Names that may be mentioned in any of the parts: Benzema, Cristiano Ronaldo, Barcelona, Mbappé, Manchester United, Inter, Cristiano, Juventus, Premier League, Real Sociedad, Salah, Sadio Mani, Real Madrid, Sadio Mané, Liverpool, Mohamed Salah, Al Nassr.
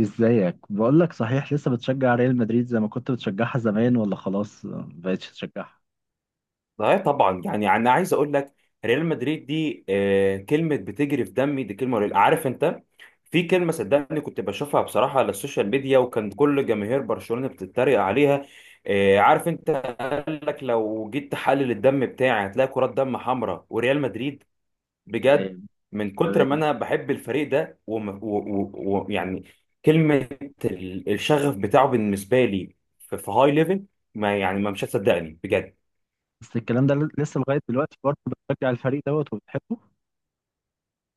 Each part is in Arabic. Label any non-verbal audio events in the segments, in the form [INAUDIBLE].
ازيك؟ بقول لك، صحيح لسه بتشجع ريال مدريد زي ما كنت بتشجعها زمان، ولا خلاص ما بقتش تشجعها؟ لا، طبعا، يعني انا عايز اقول لك، ريال مدريد دي كلمه بتجري في دمي، دي كلمه قليلة. عارف انت، في كلمه، صدقني كنت بشوفها بصراحه على السوشيال ميديا، وكان كل جماهير برشلونه بتتريق عليها. عارف انت قال لك لو جيت تحلل الدم بتاعي هتلاقي كرات دم حمراء وريال مدريد، بجد. تمام. من كتر ما تمام. انا بحب الفريق ده، ويعني يعني كلمه، الشغف بتاعه بالنسبه لي في هاي ليفل، ما مش هتصدقني بجد. بس الكلام ده لسه لغاية دلوقتي برضه بتشجع الفريق دوت وبتحبه؟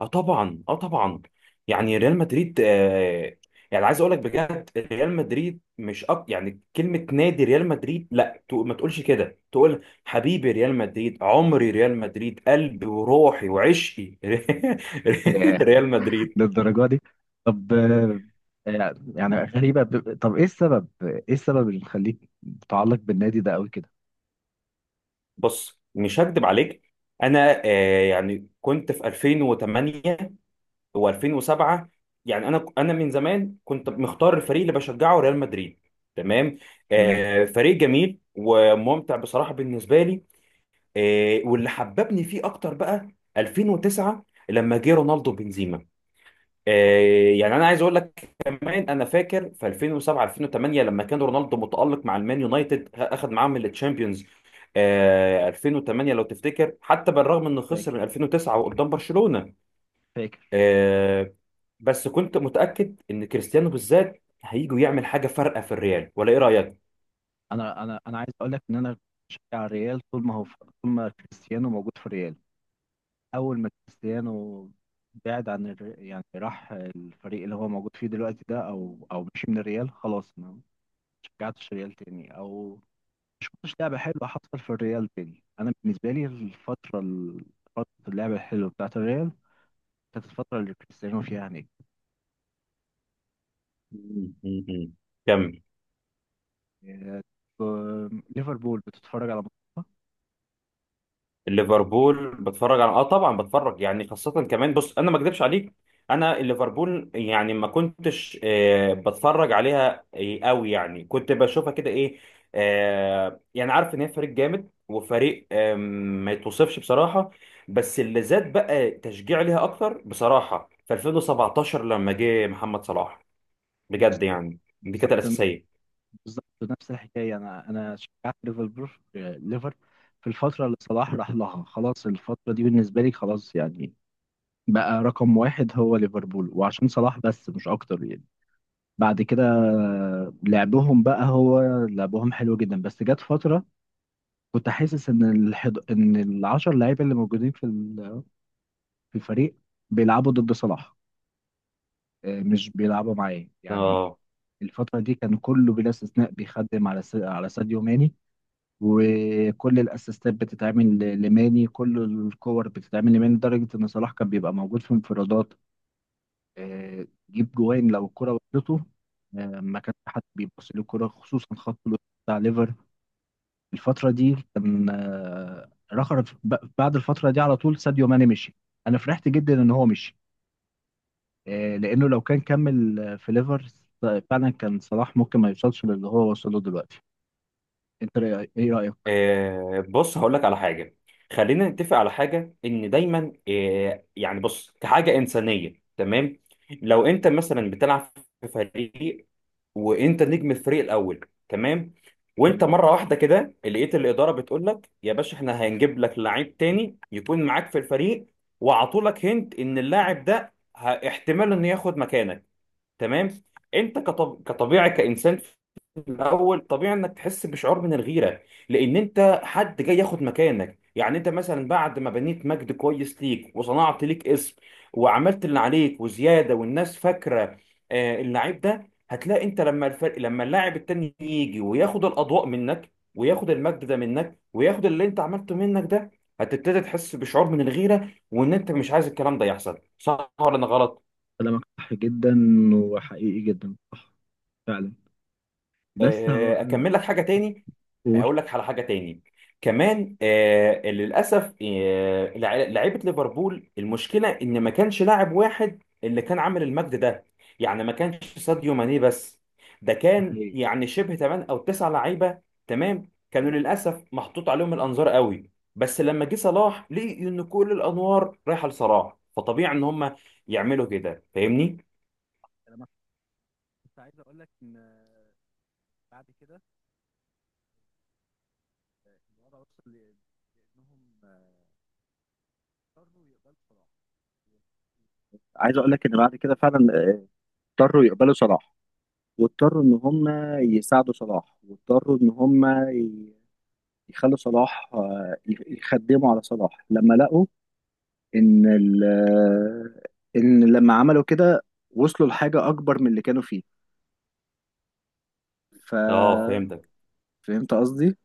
اه طبعا، اه طبعا، يعني ريال مدريد. يعني عايز اقول لك بجد، ريال مدريد مش، يعني كلمه نادي ريال مدريد لا، ما تقولش كده، تقول حبيبي ريال مدريد، عمري ريال مدريد، قلبي وروحي وعشقي [LAUGHS] ياه. ريال مدريد. للدرجة دي؟ طب يعني غريبة، طب ايه السبب، ايه السبب اللي مخليك متعلق بالنادي ده قوي كده؟ بص مش هكدب عليك، انا يعني كنت في 2008 و2007. يعني انا من زمان كنت مختار الفريق اللي بشجعه ريال مدريد، تمام. تمام. فريق جميل وممتع بصراحه بالنسبه لي. واللي حببني فيه اكتر بقى 2009 لما جه رونالدو بنزيما. اه. يعني انا عايز اقول لك كمان، انا فاكر في 2007 2008 لما كان رونالدو متالق مع المان يونايتد، اخذ معاهم التشامبيونز. 2008 لو تفتكر، حتى بالرغم انه خسر فاكر. من 2009 وقدام برشلونه. فاكر. آه، بس كنت متأكد ان كريستيانو بالذات هيجي يعمل حاجة فارقة في الريال، ولا ايه رأيك؟ انا عايز اقول لك ان انا بشجع الريال طول ما هو، طول ما كريستيانو موجود في الريال. اول ما كريستيانو بعد عن يعني راح الفريق اللي هو موجود فيه دلوقتي ده، او مشي من الريال، خلاص ما شجعتش الريال تاني، او مش شفتش لعبه حلوه حصل في الريال تاني. انا بالنسبه لي فتره اللعبه الحلوه بتاعت الريال كانت الفتره اللي كريستيانو فيها نجم. مم. مم. كمل. إيه. ليفربول بتتفرج على ماتش. ليفربول بتفرج على، طبعا بتفرج، يعني خاصة كمان، بص انا ما اكذبش عليك. انا ليفربول، يعني ما كنتش بتفرج عليها قوي، يعني كنت بشوفها كده، ايه، يعني عارف ان هي فريق جامد وفريق، ما يتوصفش بصراحة. بس اللي زاد بقى تشجيع ليها اكتر بصراحة في 2017 لما جه محمد صلاح، بجد، بالظبط. يعني دي كانت بالظبط. الاساسية. بالظبط. نفس الحكايه، انا شجعت ليفربول، ليفر في الفتره اللي صلاح راح لها. خلاص الفتره دي بالنسبه لي خلاص، يعني بقى رقم واحد هو ليفربول، وعشان صلاح بس مش اكتر يعني. بعد كده لعبهم بقى، هو لعبهم حلو جدا، بس جت فترة كنت حاسس ان ان العشر لعيبة اللي موجودين في الفريق بيلعبوا ضد صلاح، مش بيلعبوا معاه يعني. اه، الفترة دي كان كله بلا استثناء بيخدم على ساديو ماني، وكل الاسيستات بتتعمل لماني، كل الكور بتتعمل لماني، لدرجة ان صلاح كان بيبقى موجود في انفرادات. جيب جوان لو الكرة وصلته. ما كانش حد بيبص للكرة، خصوصا خط الوسط بتاع ليفر. الفترة دي كان بعد الفترة دي على طول ساديو ماني مشي. أنا فرحت جدا إن هو مشي، لأنه لو كان كمل في ليفر فعلا كان صلاح ممكن ما يوصلش للي هو وصله دلوقتي. إيه رأيك؟ بص هقول لك على حاجه. خلينا نتفق على حاجه، ان دايما يعني بص كحاجه انسانيه، تمام. لو انت مثلا بتلعب في فريق، وانت نجم الفريق الاول، تمام، وانت تمام. مره واحده كده لقيت الاداره بتقول لك يا باشا، احنا هنجيب لك لعيب تاني يكون معاك في الفريق، وعطولك هنت ان اللاعب ده، احتمال انه ياخد مكانك، تمام. انت كطبيعي كانسان، الاول طبيعي انك تحس بشعور من الغيره، لان انت حد جاي ياخد مكانك. يعني انت مثلا بعد ما بنيت مجد كويس ليك وصنعت ليك اسم، وعملت اللي عليك وزياده، والناس فاكره اللعيب ده، هتلاقي انت لما لما اللاعب التاني يجي وياخد الاضواء منك، وياخد المجد ده منك، وياخد اللي انت عملته منك ده، هتبتدي تحس بشعور من الغيره، وان انت مش عايز الكلام ده يحصل. صح ولا انا غلط؟ كلامك صح جدا وحقيقي جدا، صح، فعلا. بس اكمل لك حاجه تاني. هقول. هقول لك على حاجه تاني كمان. للاسف، لعيبه ليفربول، المشكله ان ما كانش لاعب واحد اللي كان عامل المجد ده، يعني ما كانش ساديو ماني بس، ده كان حقيقي. يعني شبه 8 او 9 لعيبه، تمام، كانوا للاسف محطوط عليهم الانظار قوي. بس لما جه صلاح لقي ان كل الانوار رايحه لصلاح، فطبيعي ان هم يعملوا كده، فاهمني. أنا كنت عايز اقول لك ان بعد كده الوضع وصل لانهم اضطروا يقبلوا صلاح. عايز اقول لك ان بعد كده فعلا اضطروا يقبلوا صلاح، واضطروا ان هم يساعدوا صلاح، واضطروا ان هم يخلوا صلاح يخدموا على صلاح لما لقوا ان ال- آه، ان لما عملوا كده وصلوا لحاجة اكبر من اللي كانوا فيه. ف اه، اه، فهمتك. فهمت قصدي.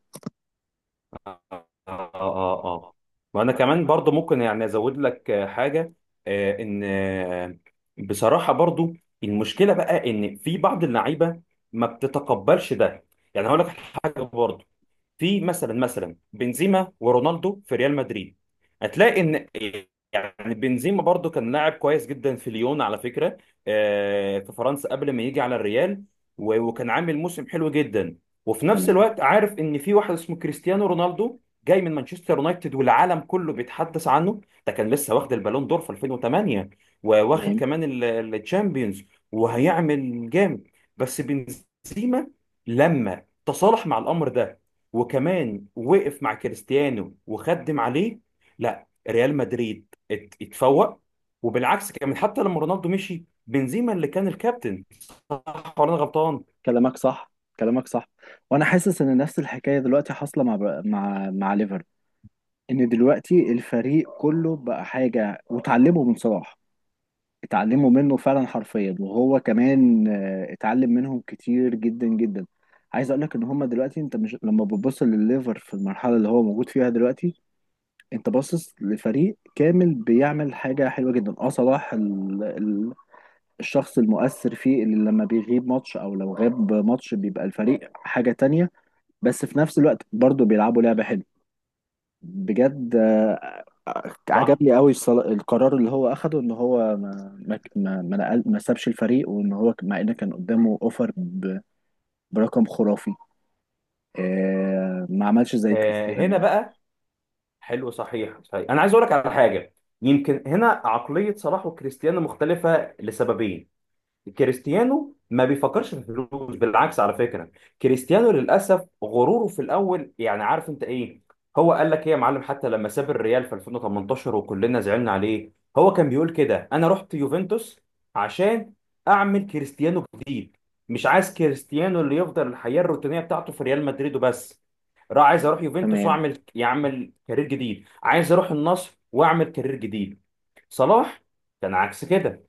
اه، اه، اه. اه. اه. وانا وانا كمان كمان برضو برضو. ممكن يعني ازود لك حاجه، آه، ان آه، بصراحه برضو المشكله بقى ان في بعض اللعيبه ما بتتقبلش ده. يعني هقول لك حاجه برضو، في مثلا بنزيما ورونالدو في ريال مدريد، هتلاقي ان، يعني بنزيما برضو كان لاعب كويس جدا في ليون على فكرة. في فرنسا قبل ما يجي على الريال، وكان عامل موسم حلو جدا. وفي نفس تمام. الوقت عارف ان في واحد اسمه كريستيانو رونالدو، جاي من مانشستر يونايتد والعالم كله بيتحدث عنه، ده كان لسه واخد البالون دور في 2008، وواخد تمام. كمان الشامبيونز، وهيعمل جامد. بس بنزيما لما تصالح مع الامر ده، وكمان وقف مع كريستيانو وخدم عليه، لا ريال مدريد اتفوق. وبالعكس كمان، حتى لما رونالدو مشي، بنزيما اللي كان الكابتن. صح ولا انا غلطان؟ كلامك صح. كلامك صح. وانا حاسس ان نفس الحكايه دلوقتي حاصله مع ليفر، ان دلوقتي الفريق كله بقى حاجه، وتعلموا من صلاح. اتعلموا منه فعلا حرفيا، وهو كمان اتعلم منهم كتير جدا جدا. عايز اقول لك ان هما دلوقتي، انت مش لما بتبص لليفر في المرحله اللي هو موجود فيها دلوقتي، انت باصص لفريق كامل بيعمل حاجه حلوه جدا. اه صلاح الشخص المؤثر فيه، اللي لما بيغيب ماتش او لو غاب ماتش بيبقى الفريق حاجه تانية. بس في نفس الوقت برضو بيلعبوا لعبة حلوة بجد. صح. عجبني قوي القرار اللي هو اخده، ان هو ما سابش الفريق، وان هو مع ان كان قدامه اوفر برقم خرافي، ما عملش زي كريستيانو. هنا بقى، حلو، صحيح صحيح، انا عايز اقول لك على حاجه. يمكن هنا عقليه صلاح وكريستيانو مختلفه لسببين. كريستيانو ما بيفكرش في الفلوس، بالعكس على فكره. كريستيانو للاسف غروره في الاول، يعني عارف انت ايه، هو قال لك ايه يا معلم، حتى لما ساب الريال في 2018 وكلنا زعلنا عليه، هو كان بيقول كده، انا رحت يوفنتوس عشان اعمل كريستيانو جديد، مش عايز كريستيانو اللي يفضل الحياه الروتينيه بتاعته في ريال مدريد وبس، راح عايز اروح يوفنتوس تمام. يعمل كارير جديد، عايز اروح النصر واعمل كارير جديد. صلاح كان عكس كده.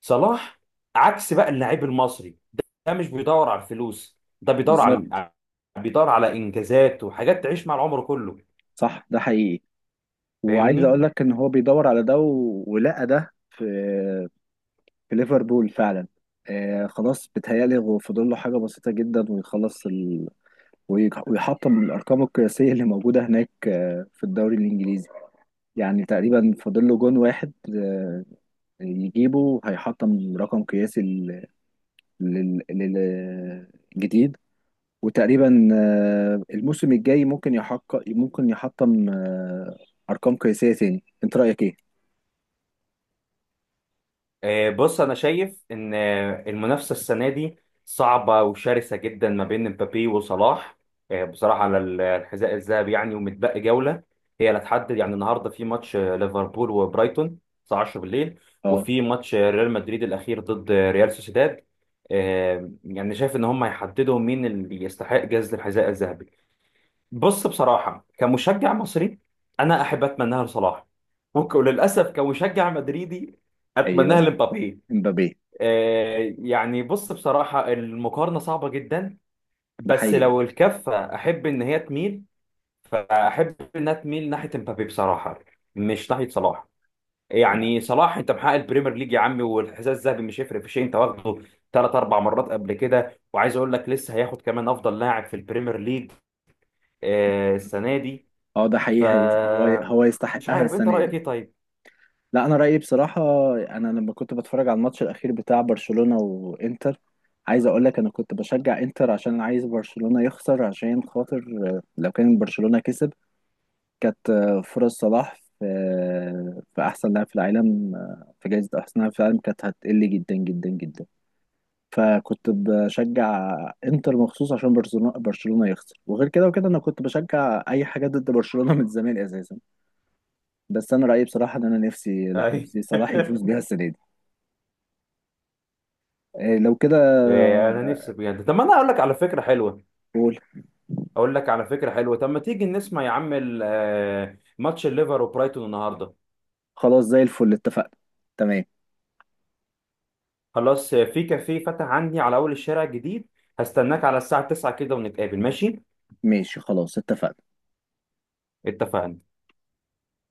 صلاح عكس بقى، اللاعب المصري ده مش بيدور على الفلوس، ده بيدور بالظبط. على بيدور على انجازات وحاجات تعيش مع العمر كله، صح، ده حقيقي. وعايز فاهمني. اقول لك ان هو بيدور على ده ولقى ده في في ليفربول فعلا. خلاص بيتهيألي هو فاضل له حاجة بسيطة جدا ويخلص، ويحطم الارقام القياسيه اللي موجوده هناك في الدوري الانجليزي. يعني تقريبا فاضل له جون واحد، يجيبه هيحطم رقم قياسي للجديد. وتقريبا الموسم الجاي ممكن يحقق، ممكن يحطم ارقام قياسيه تاني. انت رايك ايه؟ بص انا شايف ان، المنافسه السنه دي صعبه وشرسه جدا ما بين مبابي وصلاح. بصراحه على، الحذاء الذهبي، يعني ومتبقي جوله هي اللي هتحدد. يعني النهارده في ماتش ليفربول وبرايتون الساعه 10 بالليل، اه. وفي ماتش ريال مدريد الاخير ضد ريال سوسيداد. يعني شايف ان هم هيحددوا مين اللي يستحق جائزه الحذاء الذهبي. بص بصراحه كمشجع مصري، انا احب اتمناها لصلاح، وللاسف كمشجع مدريدي، اتمناها ايوه. لمبابي. امبابي. يعني بص بصراحة المقارنة صعبة جدا، ده بس حقيقي. لو الكفة أحب إن هي تميل، فأحب إنها تميل ناحية امبابي بصراحة، مش ناحية صلاح. يعني صلاح، أنت محقق البريمير ليج يا عمي، والحذاء الذهبي مش هيفرق في شيء، أنت واخده ثلاث أربع مرات قبل كده، وعايز أقول لك لسه هياخد كمان أفضل لاعب في البريمير ليج السنة دي. اه، ده ف حقيقي. هو هو مش يستحقها عارف أنت السنه دي. رأيك إيه طيب؟ لا، انا رايي بصراحه، انا لما كنت بتفرج على الماتش الاخير بتاع برشلونه وانتر، عايز اقول لك انا كنت بشجع انتر عشان عايز برشلونه يخسر، عشان خاطر لو كان برشلونه كسب كانت فرص صلاح في في احسن لاعب في العالم في جائزه احسن لاعب في العالم كانت هتقل جدا جدا جدا. فكنت بشجع انتر مخصوص عشان برشلونه يخسر. وغير كده وكده انا كنت بشجع اي حاجه ضد برشلونه من زمان اساسا. بس انا رايي بصراحه ان انا نفسي، لا، [LAUGHS] أي. نفسي صلاح يفوز بيها السنه دي. إيه، لو كده. أنا نفسي بجد. طب ما أنا أقول لك على فكرة حلوة، قول. اقول لك على فكره حلوه طب ما تيجي نسمع يا عم، ماتش الليفر وبرايتون النهارده. خلاص زي الفل، اتفقنا. تمام. خلاص في كافيه فتح عندي على اول الشارع الجديد، هستناك على الساعه 9 كده ونتقابل، ماشي. ماشي خلاص، اتفقنا. اتفقنا.